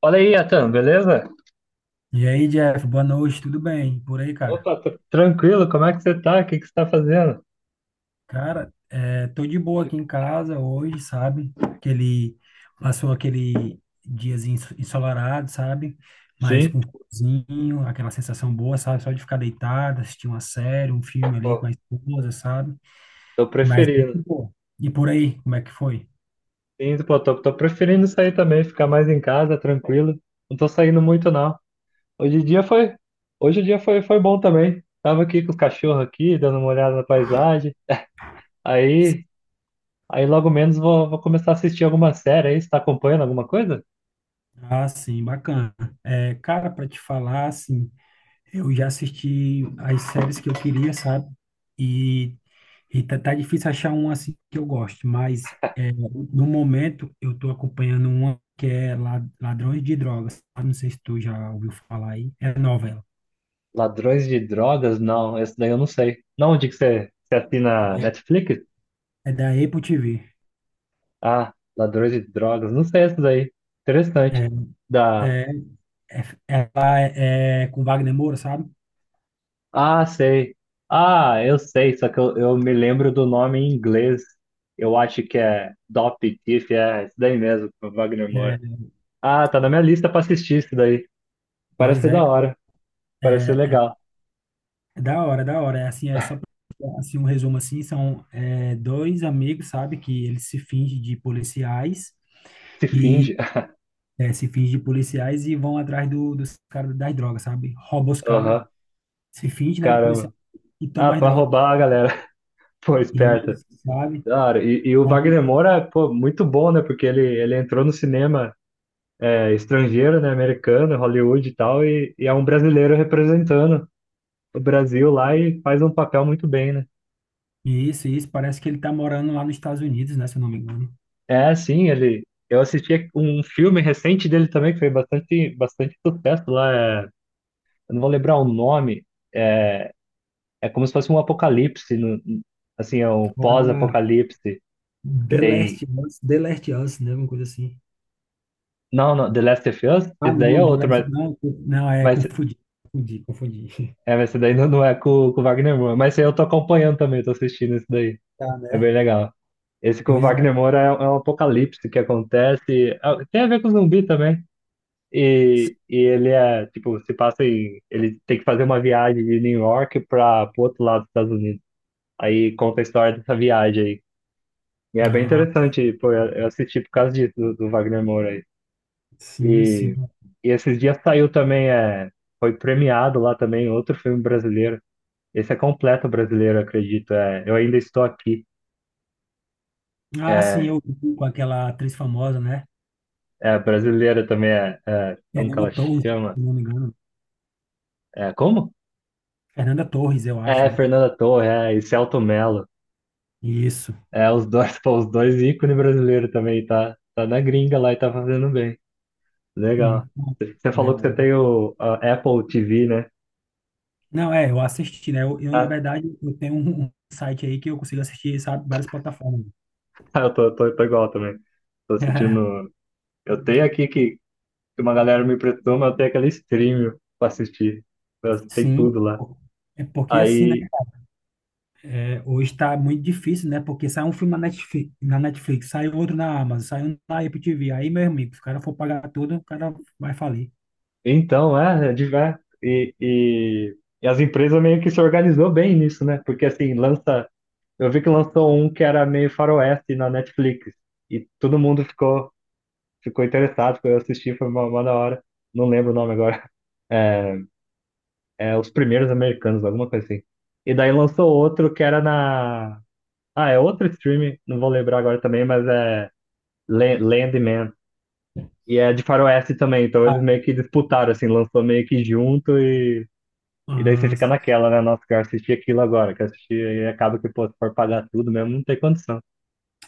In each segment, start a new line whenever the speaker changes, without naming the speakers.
Fala aí, Atan, beleza?
E aí, Jeff, boa noite, tudo bem? Por aí, cara?
Opa, tô, tranquilo, como é que você tá? O que você tá fazendo?
Cara, tô de boa aqui em casa hoje, sabe? Aquele, passou aquele diazinho ensolarado, sabe? Mas
Sim,
com cozinho, aquela sensação boa, sabe? Só de ficar deitado, assistir uma série, um filme ali com
pô,
a esposa, sabe?
tô
Mas muito
preferindo.
boa. E por aí, como é que foi?
Sim, pô, tô preferindo sair também, ficar mais em casa, tranquilo. Não tô saindo muito, não. Hoje o dia foi, Hoje o dia foi, foi bom também. Tava aqui com os cachorros aqui, dando uma olhada na paisagem. Aí, Aí logo menos vou começar a assistir alguma série aí. Você tá acompanhando alguma coisa?
Ah, sim, bacana. É, cara, para te falar, assim. Eu já assisti as séries que eu queria, sabe? E, e tá difícil achar uma assim que eu goste, mas no momento eu tô acompanhando uma que é Ladrões de Drogas. Ah, não sei se tu já ouviu falar aí. É nova ela.
Ladrões de drogas? Não, esse daí eu não sei. Não, você assina Netflix?
É da Apple TV.
Ah, ladrões de drogas. Não sei essas aí. Interessante.
É,
Da.
é, ela é com Wagner Moura, sabe?
Ah, sei. Ah, eu sei, só que eu me lembro do nome em inglês. Eu acho que é Dope Thief, é isso daí mesmo, do Wagner Moura.
É,
Ah, tá na minha lista pra assistir isso daí. Parece
Pois
ser da hora.
é,
Parece ser
é
legal.
é da hora, é da hora. É assim, é só pra, assim, um resumo assim, são dois amigos, sabe, que eles se fingem de policiais.
Se finge.
Se finge de policiais e vão atrás dos caras das drogas, sabe? Rouba os caras,
Aham,
se finge, né, de
caramba.
policiais e
Ah,
toma as
pra
drogas,
roubar a galera. Pô, esperta.
deles, sabe?
Da hora. E o
Então,
Wagner Moura, pô, muito bom, né? Porque ele entrou no cinema. Estrangeiro, né, americano, Hollywood e tal, e é um brasileiro representando o Brasil lá e faz um papel muito bem, né?
isso, parece que ele tá morando lá nos Estados Unidos, né, se eu não me engano.
É, sim, ele. Eu assisti um filme recente dele também que foi bastante sucesso lá. Eu não vou lembrar o nome. É, é como se fosse um apocalipse, no- assim, é um
Ah,
pós-apocalipse.
The Last
Tem,
Us, The Last Us, né, alguma coisa assim.
não, The Last of Us.
Ah,
Esse daí é
não, The
outro,
Last, não, não, é,
mas
confundi, confundi, confundi.
mas esse daí não é com o Wagner Moura. Mas esse aí eu tô acompanhando também, tô assistindo esse daí.
Tá,
É
né?
bem legal. Esse com o
Pois é.
Wagner Moura é um apocalipse que acontece. Tem a ver com zumbi também. E ele é, tipo, se passa em. Ele tem que fazer uma viagem de New York para o outro lado dos Estados Unidos. Aí conta a história dessa viagem aí. E é bem
Ah,
interessante, pô, eu assisti por causa disso, do Wagner Moura aí.
sim, sim.
E, e esses dias saiu também, foi premiado lá também outro filme brasileiro. Esse é completo brasileiro, acredito. É, Eu Ainda Estou Aqui.
Ah, sim,
É,
eu vi com aquela atriz famosa, né?
é, a brasileira também como que
Fernanda
ela
Torres,
chama?
se eu não me engano.
É, como?
Fernanda Torres, eu acho,
É,
né?
Fernanda Torre, é, e Selton Mello.
Isso.
É, os dois, pô, os dois ícones brasileiros também, tá na gringa lá e tá fazendo bem. Legal.
Hum,
Você
né?
falou que você tem o a Apple TV, né?
Não, eu assisti, né? Eu, na
Ah,
verdade, eu tenho um site aí que eu consigo assistir, sabe, várias plataformas.
eu tô igual também. Tô assistindo. Eu tenho aqui Que uma galera me emprestou, mas eu tenho aquele stream pra assistir. Tem
Sim,
tudo lá.
é porque assim, né?
Aí
Hoje tá muito difícil, né? Porque sai um filme na Netflix, sai outro na Amazon, sai um na Apple TV. Aí, meu amigo, se o cara for pagar tudo, o cara vai falir.
então, é, diverso. E as empresas meio que se organizou bem nisso, né? Porque assim, lança. Eu vi que lançou um que era meio faroeste na Netflix. E todo mundo ficou interessado, foi assistir, foi uma da hora. Não lembro o nome agora. É, É Os Primeiros Americanos, alguma coisa assim. E daí lançou outro que era na. Ah, é outro streaming, não vou lembrar agora também, mas é Landman. E é de Faroeste também, então
Ah,
eles meio que disputaram, assim, lançou meio que junto. E daí você
ah,
fica naquela, né? Nossa, quero assistir aquilo agora, quero assistir, e acaba que, pô, se for pagar tudo mesmo, não tem condição.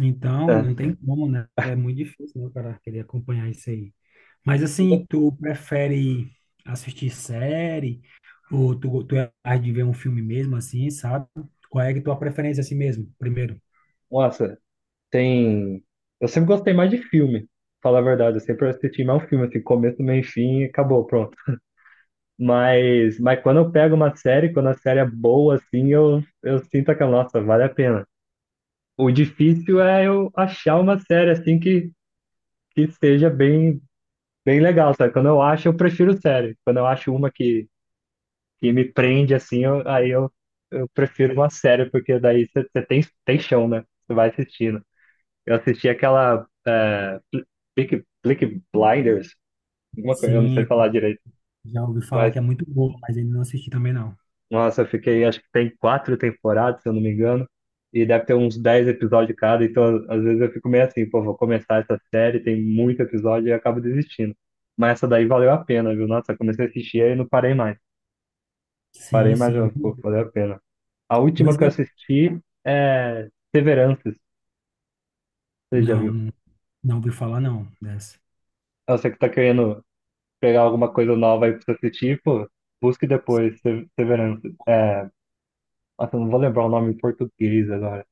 então,
É.
não tem como, né? É muito difícil, né, o cara querer acompanhar isso aí. Mas assim, tu prefere assistir série ou tu é mais de ver um filme mesmo, assim, sabe? Qual é a tua preferência assim mesmo, primeiro?
Nossa, tem. Eu sempre gostei mais de filme, falar a verdade. Eu sempre assisti mais um filme, assim, começo, meio, e fim, e acabou, pronto. Mas quando eu pego uma série, quando a série é boa, assim, eu sinto aquela, nossa, vale a pena. O difícil é eu achar uma série, assim, que seja bem legal, sabe? Quando eu acho, eu prefiro série. Quando eu acho uma que me prende assim, eu prefiro uma série, porque daí você tem chão, né? Você vai assistindo. Eu assisti aquela é, Peaky Blinders, alguma coisa, eu não
Sim,
sei
eu
falar direito,
já ouvi falar
mas
que é muito bom, mas ainda não assisti também não.
nossa, eu fiquei, acho que tem quatro temporadas, se eu não me engano, e deve ter uns dez episódios cada, então às vezes eu fico meio assim, pô, vou começar essa série, tem muito episódio e eu acabo desistindo. Mas essa daí valeu a pena, viu? Nossa, eu comecei a assistir e não parei mais. Parei,
Sim,
mas
sim.
pô, valeu a pena. A última
Pois
que eu
é.
assisti é Severances, você já
Não,
viu?
não ouvi falar não dessa.
Ah, você que tá querendo pegar alguma coisa nova aí pra você assistir, pô, busque depois Severances. É, nossa, eu não vou lembrar o nome em português agora.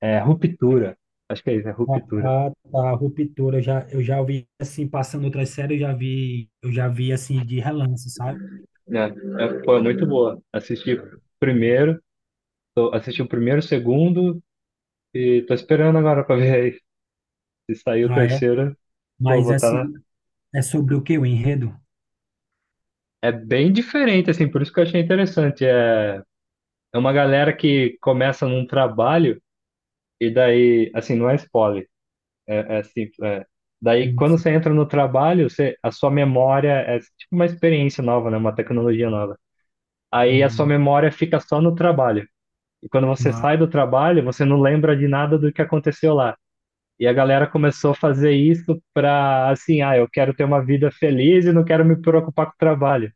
É Ruptura, acho que é isso, é
Ah,
Ruptura.
ah, tá, Ruptura, eu já ouvi, assim, passando outras séries, eu já vi, assim, de relance, sabe?
Foi muito boa. Primeiro, Assisti o primeiro, o segundo, e tô esperando agora pra ver aí se sair o
Ah, é?
terceiro, pô,
Mas,
vou tá
assim,
na...
é sobre o que o enredo?
É bem diferente, assim, por isso que eu achei interessante. É, é uma galera que começa num trabalho. E daí, assim, não é spoiler, é simples. É. Daí,
Hum,
quando você entra no trabalho, você, a sua memória é tipo uma experiência nova, né? Uma tecnologia nova. Aí a sua
hum,
memória fica só no trabalho. E quando você
mas
sai do trabalho, você não lembra de nada do que aconteceu lá. E a galera começou a fazer isso pra, assim, ah, eu quero ter uma vida feliz e não quero me preocupar com o trabalho.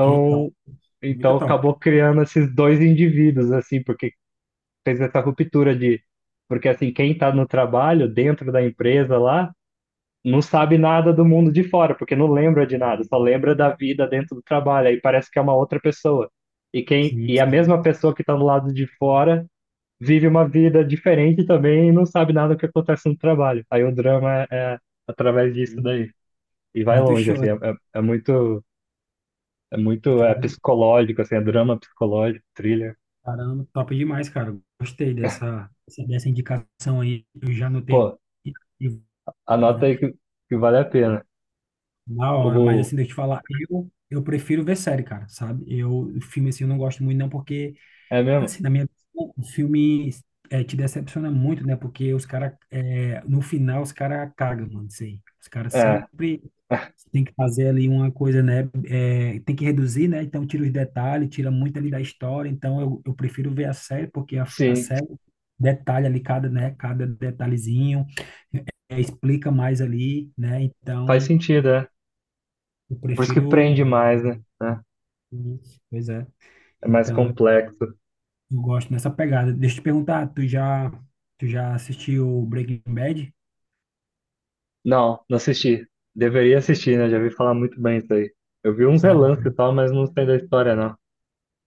que top. Muito
então
top.
acabou criando esses dois indivíduos, assim, porque fez essa ruptura de. Porque, assim, quem está no trabalho, dentro da empresa lá, não sabe nada do mundo de fora, porque não lembra de nada, só lembra da vida dentro do trabalho. Aí parece que é uma outra pessoa. E, quem,
Sim,
e a
sim.
mesma pessoa que está do lado de fora vive uma vida diferente também e não sabe nada do que acontece no trabalho. Aí o drama é através disso
Sim.
daí. E vai
Muito
longe,
show.
assim, é muito é
Cara,
psicológico, assim, é drama psicológico, thriller.
caramba, top demais, cara. Gostei dessa indicação aí. Eu já anotei
Pô,
aqui e
anota aí que vale a pena.
na hora, mas
O,
assim, deixa eu te falar, eu prefiro ver série, cara, sabe? Eu, filme assim, eu não gosto muito, não, porque,
é mesmo?
assim, na minha opinião, o filme te decepciona muito, né? Porque os caras, no final, os caras cagam, mano, isso aí. Os caras
É,
sempre. Você tem que fazer ali uma coisa, né? Tem que reduzir, né? Então tira os detalhes, tira muito ali da história. Então eu prefiro ver a série, porque a
sim,
série detalha ali cada, né? Cada detalhezinho, explica mais ali, né?
Faz
Então
sentido, é.
eu
Por isso que
prefiro.
prende mais, né? É
Isso, pois é.
é mais
Então eu,
complexo.
eu gosto dessa pegada. Deixa eu te perguntar, tu já assistiu Breaking Bad?
Não, não assisti. Deveria assistir, né? Já vi falar muito bem isso aí. Eu vi uns
Já,
relances e
né?
tal, mas não sei da história, não.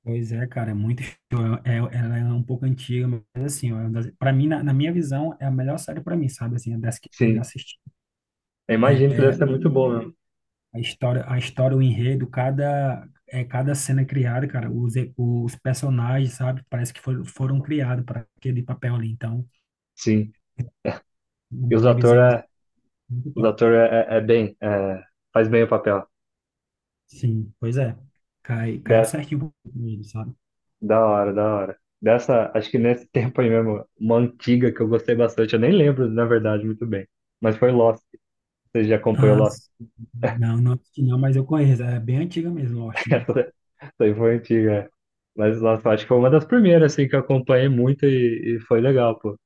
Pois é, cara, é muito show. É, ela é um pouco antiga, mas assim, para mim, na minha visão, é a melhor série para mim, sabe? Assim, é das que eu já
Sim,
assisti.
eu imagino que deve
É,
ser muito bom mesmo.
a história, o enredo, cada cena criada, cara, os personagens, sabe? Parece que foram criados para aquele papel ali. Então,
Sim, e
na
os
minha
atores
visão, é
é,
muito
os
top.
ator é bem, é, faz bem o papel.
Sim, pois é. Caiu
Dessa,
certinho com ele, sabe?
da hora, da hora. Dessa, acho que nesse tempo aí mesmo, uma antiga que eu gostei bastante, eu nem lembro, na verdade, muito bem. Mas foi Lost. Você já acompanhou
Ah,
Lost?
sim. Não, não assisti não, mas eu conheço. É bem antiga mesmo, Lost, né?
Isso aí foi antiga. É. Mas, nossa, eu acho que foi uma das primeiras, assim, que eu acompanhei muito e foi legal, pô.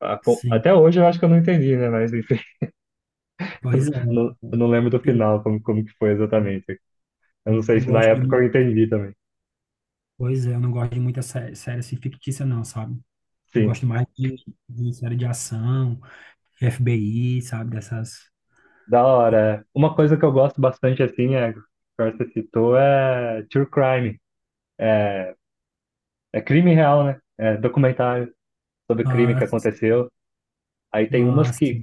Sim,
Até hoje eu acho que eu não entendi, né? Mas, enfim,
pois é.
eu não lembro do final, como que foi
Eu
exatamente. Eu não sei
não
se na
gosto de,
época
mu-
eu entendi também.
Pois é, eu não gosto de muita série assim fictícia, não, sabe? Eu
Sim,
gosto mais de série de ação, FBI, sabe? Dessas.
da hora. É. Uma coisa que eu gosto bastante, assim, é, que você citou, é true crime. É, é crime real, né? É documentário sobre crime que
Mas,
aconteceu. Aí tem umas
mas,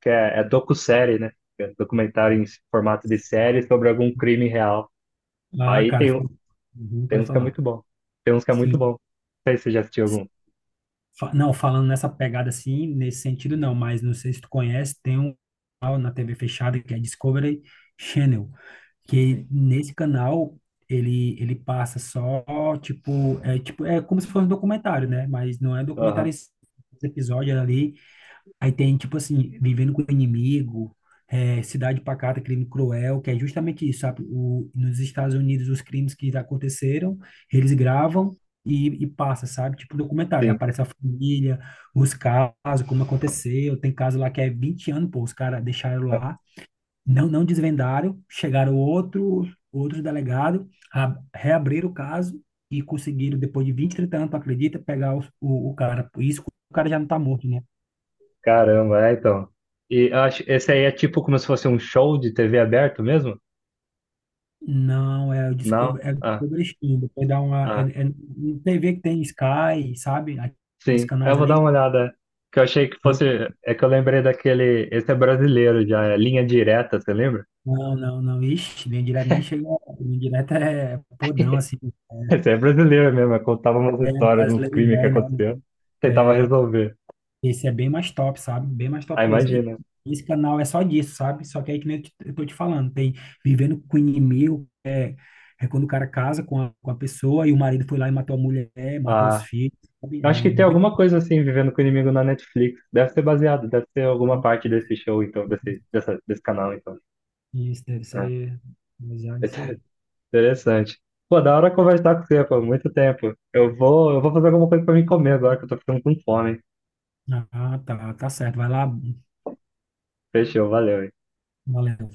que é docu-série, né? Que é documentário em formato de série sobre algum crime real.
ah,
Aí
cara,
tem, um-
fico- Uhum,
Tem
pode
uns que é
falar.
muito bom. Tem uns que é muito
Sim.
bom. Não sei se você já assistiu algum.
Não, falando nessa pegada assim, nesse sentido não, mas não sei se tu conhece, tem um canal na TV fechada que é Discovery Channel.
Sim.
Que nesse canal ele passa só, tipo, é, tipo, é como se fosse um documentário, né? Mas não é documentário
Aham,
esse episódio é ali. Aí tem tipo assim, vivendo com o inimigo, Cidade Pacata, Crime Cruel, que é justamente isso, sabe? O, nos Estados Unidos os crimes que aconteceram, eles gravam e passa, sabe? Tipo documentário. Aí
sim.
aparece a família, os casos, como aconteceu. Tem caso lá que é 20 anos, pô, os caras deixaram lá não, não desvendaram, chegaram outros, delegados, reabriram o caso e conseguiram, depois de 20, 30 anos, tu acredita, pegar o, cara. Por isso que o cara já não tá morto, né?
Caramba, é então. E eu acho, esse aí é tipo como se fosse um show de TV aberto mesmo?
Não,
Não?
É o
Ah,
Discovery Channel. Depois dá uma. É,
ah,
é, um TV que tem Sky, sabe? Aqueles
sim. Eu
canais
vou dar
ali.
uma olhada. Que eu achei que fosse. É que eu lembrei daquele. Esse é brasileiro já, é Linha Direta, você lembra?
Não, não, não. Ixi, linha direta nem chega. Linha direta é podão, assim.
Esse é brasileiro mesmo, eu contava umas histórias de uns
Brasileiro
crimes que
velho,
aconteceu.
né?
Tentava resolver.
Esse é bem mais top, sabe? Bem mais
Ah,
top mesmo. E
imagina.
esse canal é só disso, sabe? Só que aí que nem eu eu tô te falando, tem Vivendo com o Inimigo, é quando o cara casa com a pessoa e o marido foi lá e matou a mulher, matou os
Ah,
filhos, sabe?
eu acho
É
que tem
muito.
alguma coisa assim, Vivendo com o Inimigo na Netflix. Deve ser baseado, deve ser alguma parte desse show, então, desse canal, então.
Isso deve
É.
ser baseado nisso aí.
Interessante. Pô, da hora conversar com você, pô, muito tempo. Eu vou fazer alguma coisa pra mim comer agora, que eu tô ficando com fome.
Ah, tá, tá certo. Vai lá,
Fechou, valeu. Hein?
valeu.